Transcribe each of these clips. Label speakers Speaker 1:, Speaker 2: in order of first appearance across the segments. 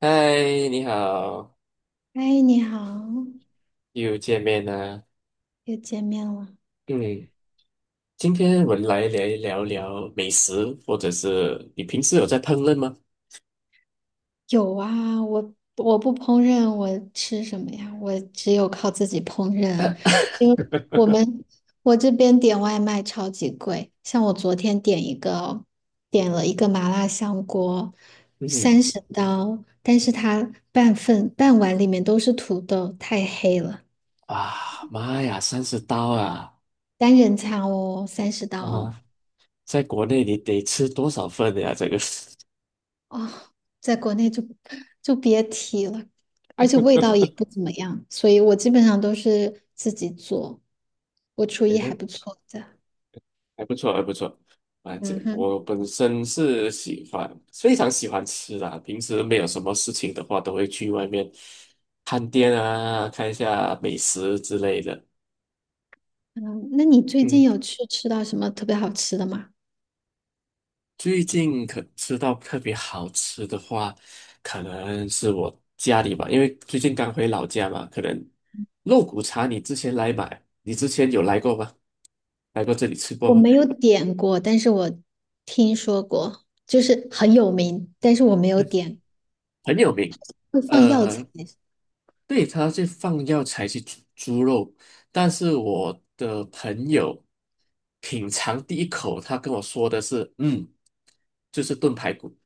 Speaker 1: 嗨，你好，
Speaker 2: 哎，你好，
Speaker 1: 又见面了。
Speaker 2: 又见面了。
Speaker 1: 嗯，今天我们来聊聊美食，或者是你平时有在烹饪吗？
Speaker 2: 有啊，我不烹饪，我吃什么呀？我只有靠自己烹饪，因 为我们我这边点外卖超级贵，像我昨天点一个，点了一个麻辣香锅，
Speaker 1: 嗯哼。
Speaker 2: 三十刀，但是它半份半碗里面都是土豆，太黑了。
Speaker 1: 啊，妈呀，30刀啊！
Speaker 2: 单人餐哦，三十刀哦。
Speaker 1: 啊，在国内你得吃多少份呀？这个，
Speaker 2: 哦，在国内就别提了，而且味道 也不怎么样，所以我基本上都是自己做，我厨
Speaker 1: 诶
Speaker 2: 艺还
Speaker 1: 得，
Speaker 2: 不错的。
Speaker 1: 还不错，还不错。反正
Speaker 2: 嗯哼。
Speaker 1: 我本身是喜欢，非常喜欢吃啦。平时没有什么事情的话，都会去外面探店啊，看一下美食之类的。
Speaker 2: 嗯，那你最
Speaker 1: 嗯。
Speaker 2: 近有去吃到什么特别好吃的吗？
Speaker 1: 最近可吃到特别好吃的话，可能是我家里吧，因为最近刚回老家嘛，可能肉骨茶你之前来买，你之前有来过吗？来过这里吃过
Speaker 2: 我
Speaker 1: 吗？
Speaker 2: 没有点过，但是我听说过，就是很有名，但是我没有点，
Speaker 1: 很有名。
Speaker 2: 会放药材
Speaker 1: 呃，对，它是放药材去煮猪肉，但是我的朋友品尝第一口，他跟我说的是，就是炖排骨，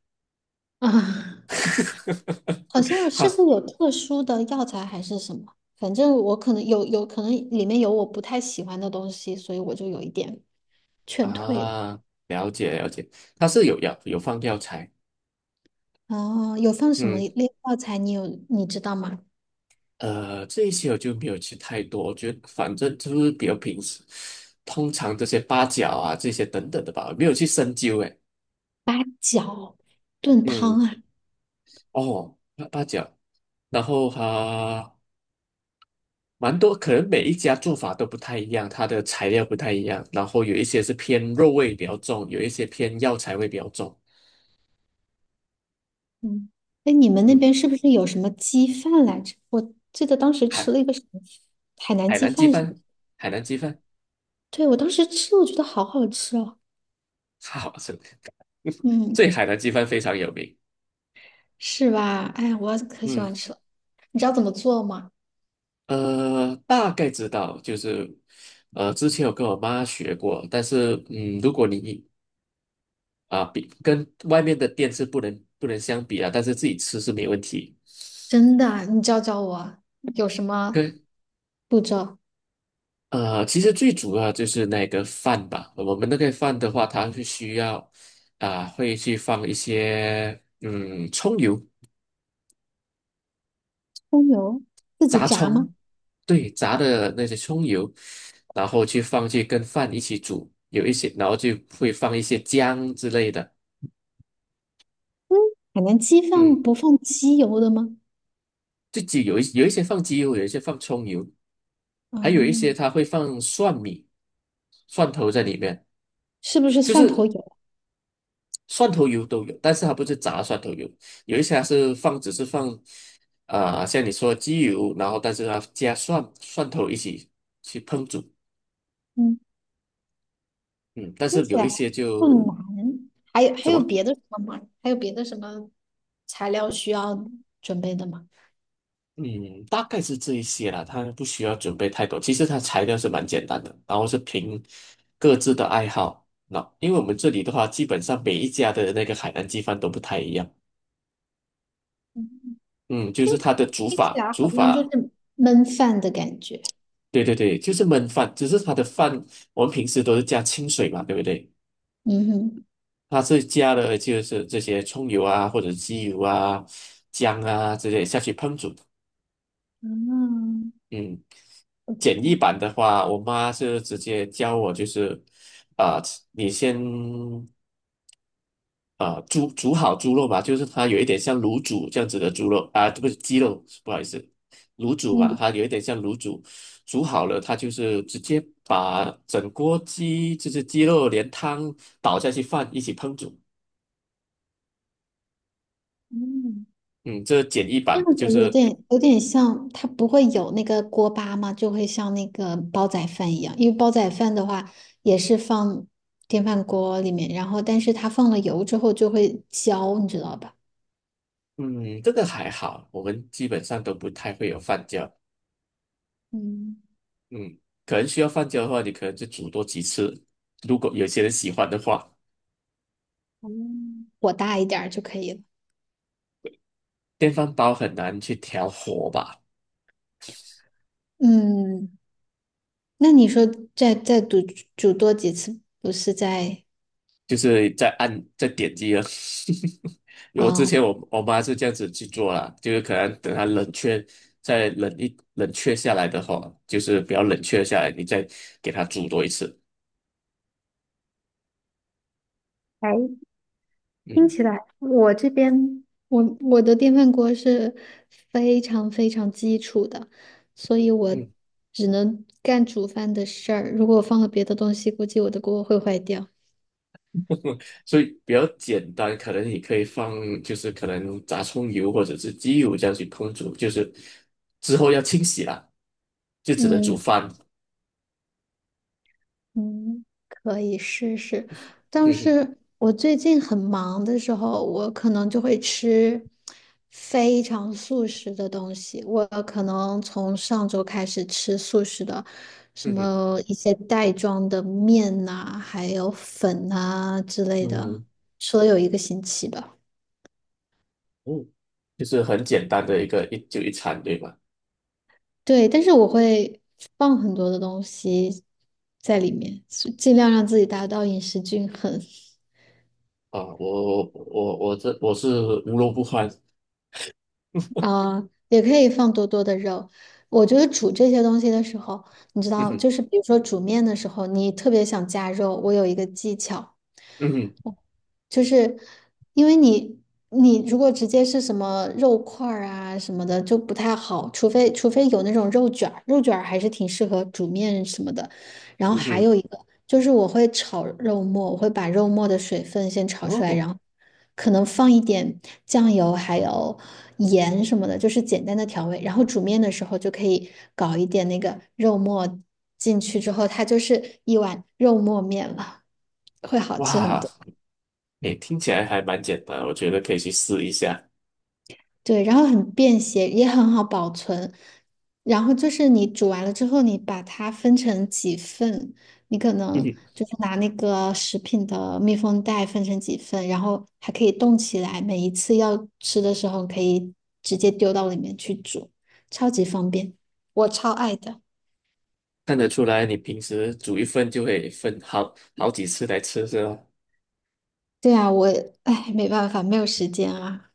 Speaker 2: 啊。好像
Speaker 1: 他
Speaker 2: 是会有特殊的药材还是什么，反正我可能有可能里面有我不太喜欢的东西，所以我就有一点劝退了。
Speaker 1: 啊，了解了解，它是有放药材。
Speaker 2: 哦，有放什么
Speaker 1: 嗯，
Speaker 2: 类药材？你知道吗？
Speaker 1: 这一些我就没有吃太多，我觉得反正就是比较平时，通常这些八角啊这些等等的吧，没有去深究诶。
Speaker 2: 八角炖汤
Speaker 1: 嗯，
Speaker 2: 啊。
Speaker 1: 哦，八角，然后哈、蛮多，可能每一家做法都不太一样，它的材料不太一样，然后有一些是偏肉味比较重，有一些偏药材味比较重。
Speaker 2: 嗯，哎，你们那
Speaker 1: 嗯，
Speaker 2: 边是不是有什么鸡饭来着？我记得当时吃了
Speaker 1: 海
Speaker 2: 一个什么海南
Speaker 1: 海
Speaker 2: 鸡
Speaker 1: 南鸡
Speaker 2: 饭什么，
Speaker 1: 饭，
Speaker 2: 是？
Speaker 1: 海南鸡饭，
Speaker 2: 对，我当时吃了，我觉得好好吃哦。
Speaker 1: 好吃，
Speaker 2: 嗯，
Speaker 1: 这海南鸡饭非常有名。
Speaker 2: 是吧？哎呀，我可喜
Speaker 1: 嗯，
Speaker 2: 欢吃了。你知道怎么做吗？
Speaker 1: 大概知道，之前有跟我妈学过，但是，嗯，如果你比跟外面的店是不能相比啊，但是自己吃是没问题。
Speaker 2: 真的啊，你教教我啊，有什么
Speaker 1: 跟
Speaker 2: 步骤？
Speaker 1: 其实最主要就是那个饭吧，我们那个饭的话，它是需要会去放一些葱油，
Speaker 2: 葱油自己
Speaker 1: 炸
Speaker 2: 炸吗？
Speaker 1: 葱，对，炸的那些葱油，然后去跟饭一起煮，有一些，然后就会放一些姜之类的。
Speaker 2: 嗯，海南鸡
Speaker 1: 嗯，
Speaker 2: 饭不放鸡油的吗？
Speaker 1: 自己有一些放鸡油，有一些放葱油，
Speaker 2: 哦，
Speaker 1: 还有一些它会放蒜米、蒜头在里面，
Speaker 2: 是不是
Speaker 1: 就
Speaker 2: 蒜头
Speaker 1: 是
Speaker 2: 油？
Speaker 1: 蒜头油都有，但是它不是炸蒜头油，有一些它是放只是放像你说鸡油，然后但是它加蒜头一起去烹煮。
Speaker 2: 嗯，
Speaker 1: 嗯，但
Speaker 2: 听
Speaker 1: 是
Speaker 2: 起
Speaker 1: 有一
Speaker 2: 来
Speaker 1: 些
Speaker 2: 不
Speaker 1: 就
Speaker 2: 难。还有还
Speaker 1: 怎
Speaker 2: 有
Speaker 1: 么？
Speaker 2: 别的什么吗？还有别的什么材料需要准备的吗？
Speaker 1: 嗯，大概是这一些啦，它不需要准备太多。其实它材料是蛮简单的，然后是凭各自的爱好。那因为我们这里的话，基本上每一家的那个海南鸡饭都不太一样。
Speaker 2: 嗯，
Speaker 1: 嗯，就
Speaker 2: 听
Speaker 1: 是它的煮
Speaker 2: 听起
Speaker 1: 法，
Speaker 2: 来
Speaker 1: 煮
Speaker 2: 好像就是
Speaker 1: 法，
Speaker 2: 焖饭的感觉。
Speaker 1: 对对对，就是焖饭，只是它的饭我们平时都是加清水嘛，对不对？
Speaker 2: 嗯哼。
Speaker 1: 它是加了就是这些葱油啊，或者鸡油啊、姜啊之类下去烹煮。
Speaker 2: 嗯，
Speaker 1: 嗯。
Speaker 2: 不
Speaker 1: 简易
Speaker 2: 错。
Speaker 1: 版的话，我妈是直接教我，就是啊、你先煮好猪肉嘛，就是它有一点像卤煮这样子的猪肉啊，不是鸡肉，不好意思，卤煮嘛，
Speaker 2: 嗯。
Speaker 1: 它有一点像卤煮，煮好了，它就是直接把整锅鸡，就是鸡肉连汤倒下去饭一起烹煮。
Speaker 2: 嗯，
Speaker 1: 嗯，这简易
Speaker 2: 这
Speaker 1: 版
Speaker 2: 样
Speaker 1: 就
Speaker 2: 子
Speaker 1: 是，
Speaker 2: 有点像，它不会有那个锅巴嘛，就会像那个煲仔饭一样，因为煲仔饭的话也是放电饭锅里面，然后但是它放了油之后就会焦，你知道吧？
Speaker 1: 嗯，这个还好，我们基本上都不太会有饭焦。
Speaker 2: 嗯，
Speaker 1: 嗯，可能需要放久的话，你可能就煮多几次。如果有些人喜欢的话，
Speaker 2: 哦，火大一点儿就可以了。
Speaker 1: 电饭煲很难去调火吧，
Speaker 2: 嗯，那你说再煮多几次，不是在
Speaker 1: 就是在按在点击了。我之
Speaker 2: 啊、呃
Speaker 1: 前我妈是这样子去做啦，就是可能等它冷却，再冷却下来的话，就是比较冷却下来，你再给它煮多一次。
Speaker 2: 哎，听
Speaker 1: 嗯
Speaker 2: 起来我这边我的电饭锅是非常非常基础的，所以我
Speaker 1: 嗯。
Speaker 2: 只能干煮饭的事儿。如果我放了别的东西，估计我的锅会坏掉。
Speaker 1: 所以比较简单，可能你可以放，就是可能炸葱油或者是鸡油这样去烹煮，就是之后要清洗啦，就只能煮
Speaker 2: 嗯。
Speaker 1: 饭。
Speaker 2: 嗯，可以试试，但
Speaker 1: 嗯哼，
Speaker 2: 是我最近很忙的时候，我可能就会吃非常素食的东西。我可能从上周开始吃素食的，什
Speaker 1: 嗯哼，
Speaker 2: 么一些袋装的面呐、还有粉呐、之类的，
Speaker 1: 嗯
Speaker 2: 吃了有一个星期吧。
Speaker 1: 嗯，就是很简单的一个一餐，对吧？
Speaker 2: 对，但是我会放很多的东西在里面，尽量让自己达到饮食均衡。
Speaker 1: 啊，我是无肉不欢。
Speaker 2: 啊，也可以放多多的肉。我觉得煮这些东西的时候，你知
Speaker 1: 嗯
Speaker 2: 道，
Speaker 1: 哼，
Speaker 2: 就是比如说煮面的时候，你特别想加肉，我有一个技巧，
Speaker 1: 嗯哼，
Speaker 2: 就是因为你你如果直接是什么肉块儿啊什么的就不太好，除非有那种肉卷儿，肉卷儿还是挺适合煮面什么的。然后
Speaker 1: 嗯
Speaker 2: 还
Speaker 1: 哼，
Speaker 2: 有一个就是我会炒肉末，我会把肉末的水分先炒出来，
Speaker 1: 哦，
Speaker 2: 然后可能放一点酱油还有盐什么的，就是简单的调味。然后煮面的时候就可以搞一点那个肉末进去之后，它就是一碗肉末面了，会好吃很
Speaker 1: 哇，
Speaker 2: 多。
Speaker 1: 诶，听起来还蛮简单，我觉得可以去试一下。
Speaker 2: 对，然后很便携，也很好保存。然后就是你煮完了之后，你把它分成几份，你可
Speaker 1: 嗯
Speaker 2: 能
Speaker 1: 哼，
Speaker 2: 就是拿那个食品的密封袋分成几份，然后还可以冻起来，每一次要吃的时候可以直接丢到里面去煮，超级方便，我超爱的。
Speaker 1: 看得出来你平时煮一份就会分好好几次来吃，是吧？
Speaker 2: 对啊，我，哎，没办法，没有时间啊。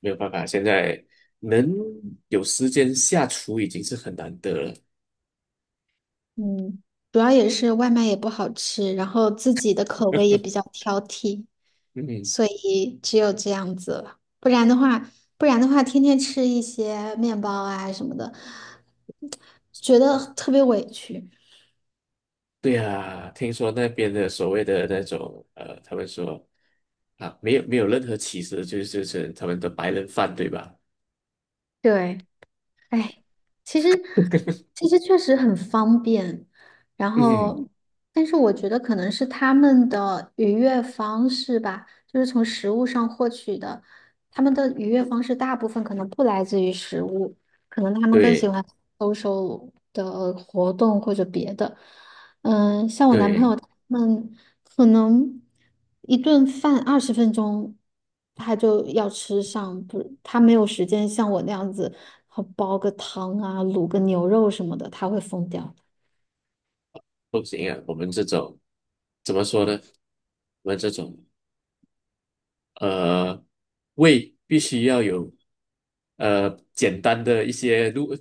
Speaker 1: 没有办法，现在能有时间下厨已经是很难得了。
Speaker 2: 嗯，主要也是外卖也不好吃，然后自己的口味也比较挑剔，
Speaker 1: 嗯，
Speaker 2: 所以只有这样子了。不然的话，不然的话，天天吃一些面包啊什么的，觉得特别委屈。
Speaker 1: 对呀，听说那边的所谓的那种他们说啊，没有没有任何歧视，就是他们的白人饭，对吧？
Speaker 2: 对。哎，其实其实确实很方便，然
Speaker 1: 嗯，
Speaker 2: 后，但是我觉得可能是他们的愉悦方式吧，就是从食物上获取的，他们的愉悦方式大部分可能不来自于食物，可能他们更喜
Speaker 1: 对
Speaker 2: 欢 SO 的活动或者别的。嗯、像我男朋
Speaker 1: 对，
Speaker 2: 友他们可能一顿饭20分钟他就要吃上，不，他没有时间像我那样子，呃煲个汤啊，卤个牛肉什么的，他会疯掉。
Speaker 1: 不行啊，我们这种怎么说呢？我们这种。呃，胃必须要有简单的一些，如果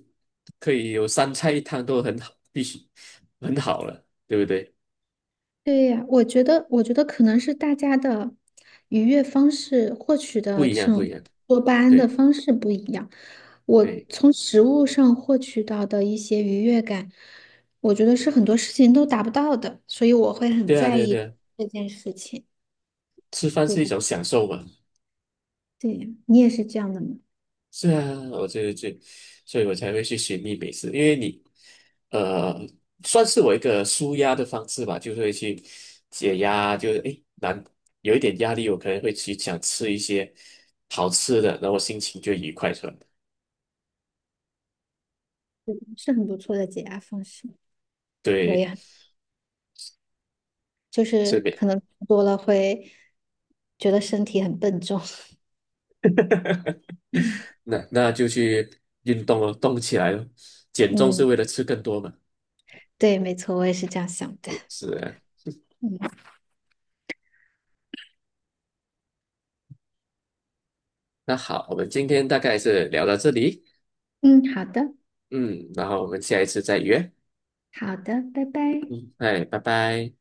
Speaker 1: 可以有三菜一汤都很好，必须很好了，对不对？
Speaker 2: 对呀，我觉得，我觉得可能是大家的愉悦方式、获取
Speaker 1: 不
Speaker 2: 的这
Speaker 1: 一样，不一
Speaker 2: 种
Speaker 1: 样，
Speaker 2: 多巴胺的
Speaker 1: 对
Speaker 2: 方式不一样。我
Speaker 1: 对
Speaker 2: 从食物上获取到的一些愉悦感，我觉得是很多事情都达不到的，所以我会很
Speaker 1: 对啊，
Speaker 2: 在
Speaker 1: 对啊，
Speaker 2: 意
Speaker 1: 对啊，
Speaker 2: 这件事情。
Speaker 1: 吃饭
Speaker 2: 对
Speaker 1: 是一
Speaker 2: 吧？
Speaker 1: 种享受嘛。
Speaker 2: 对呀，你也是这样的吗？
Speaker 1: 是啊，我所以我才会去寻觅美食，因为你，呃，算是我一个舒压的方式吧，就是会去解压，就是诶，难有一点压力，我可能会去想吃一些好吃的，然后心情就愉快出来。
Speaker 2: 是很不错的解压方式。我
Speaker 1: 对，
Speaker 2: 也就
Speaker 1: 所以
Speaker 2: 是
Speaker 1: 每
Speaker 2: 可能多了会觉得身体很笨重。
Speaker 1: 那那就去运动哦，动起来咯，减重是
Speaker 2: 嗯，
Speaker 1: 为了吃更多嘛。
Speaker 2: 对，没错，我也是这样想的。
Speaker 1: 是啊，
Speaker 2: 嗯。
Speaker 1: 那好，我们今天大概是聊到这里，
Speaker 2: 嗯，好的。
Speaker 1: 嗯，然后我们下一次再约，
Speaker 2: 好的，拜拜。
Speaker 1: 嗯，哎，拜拜。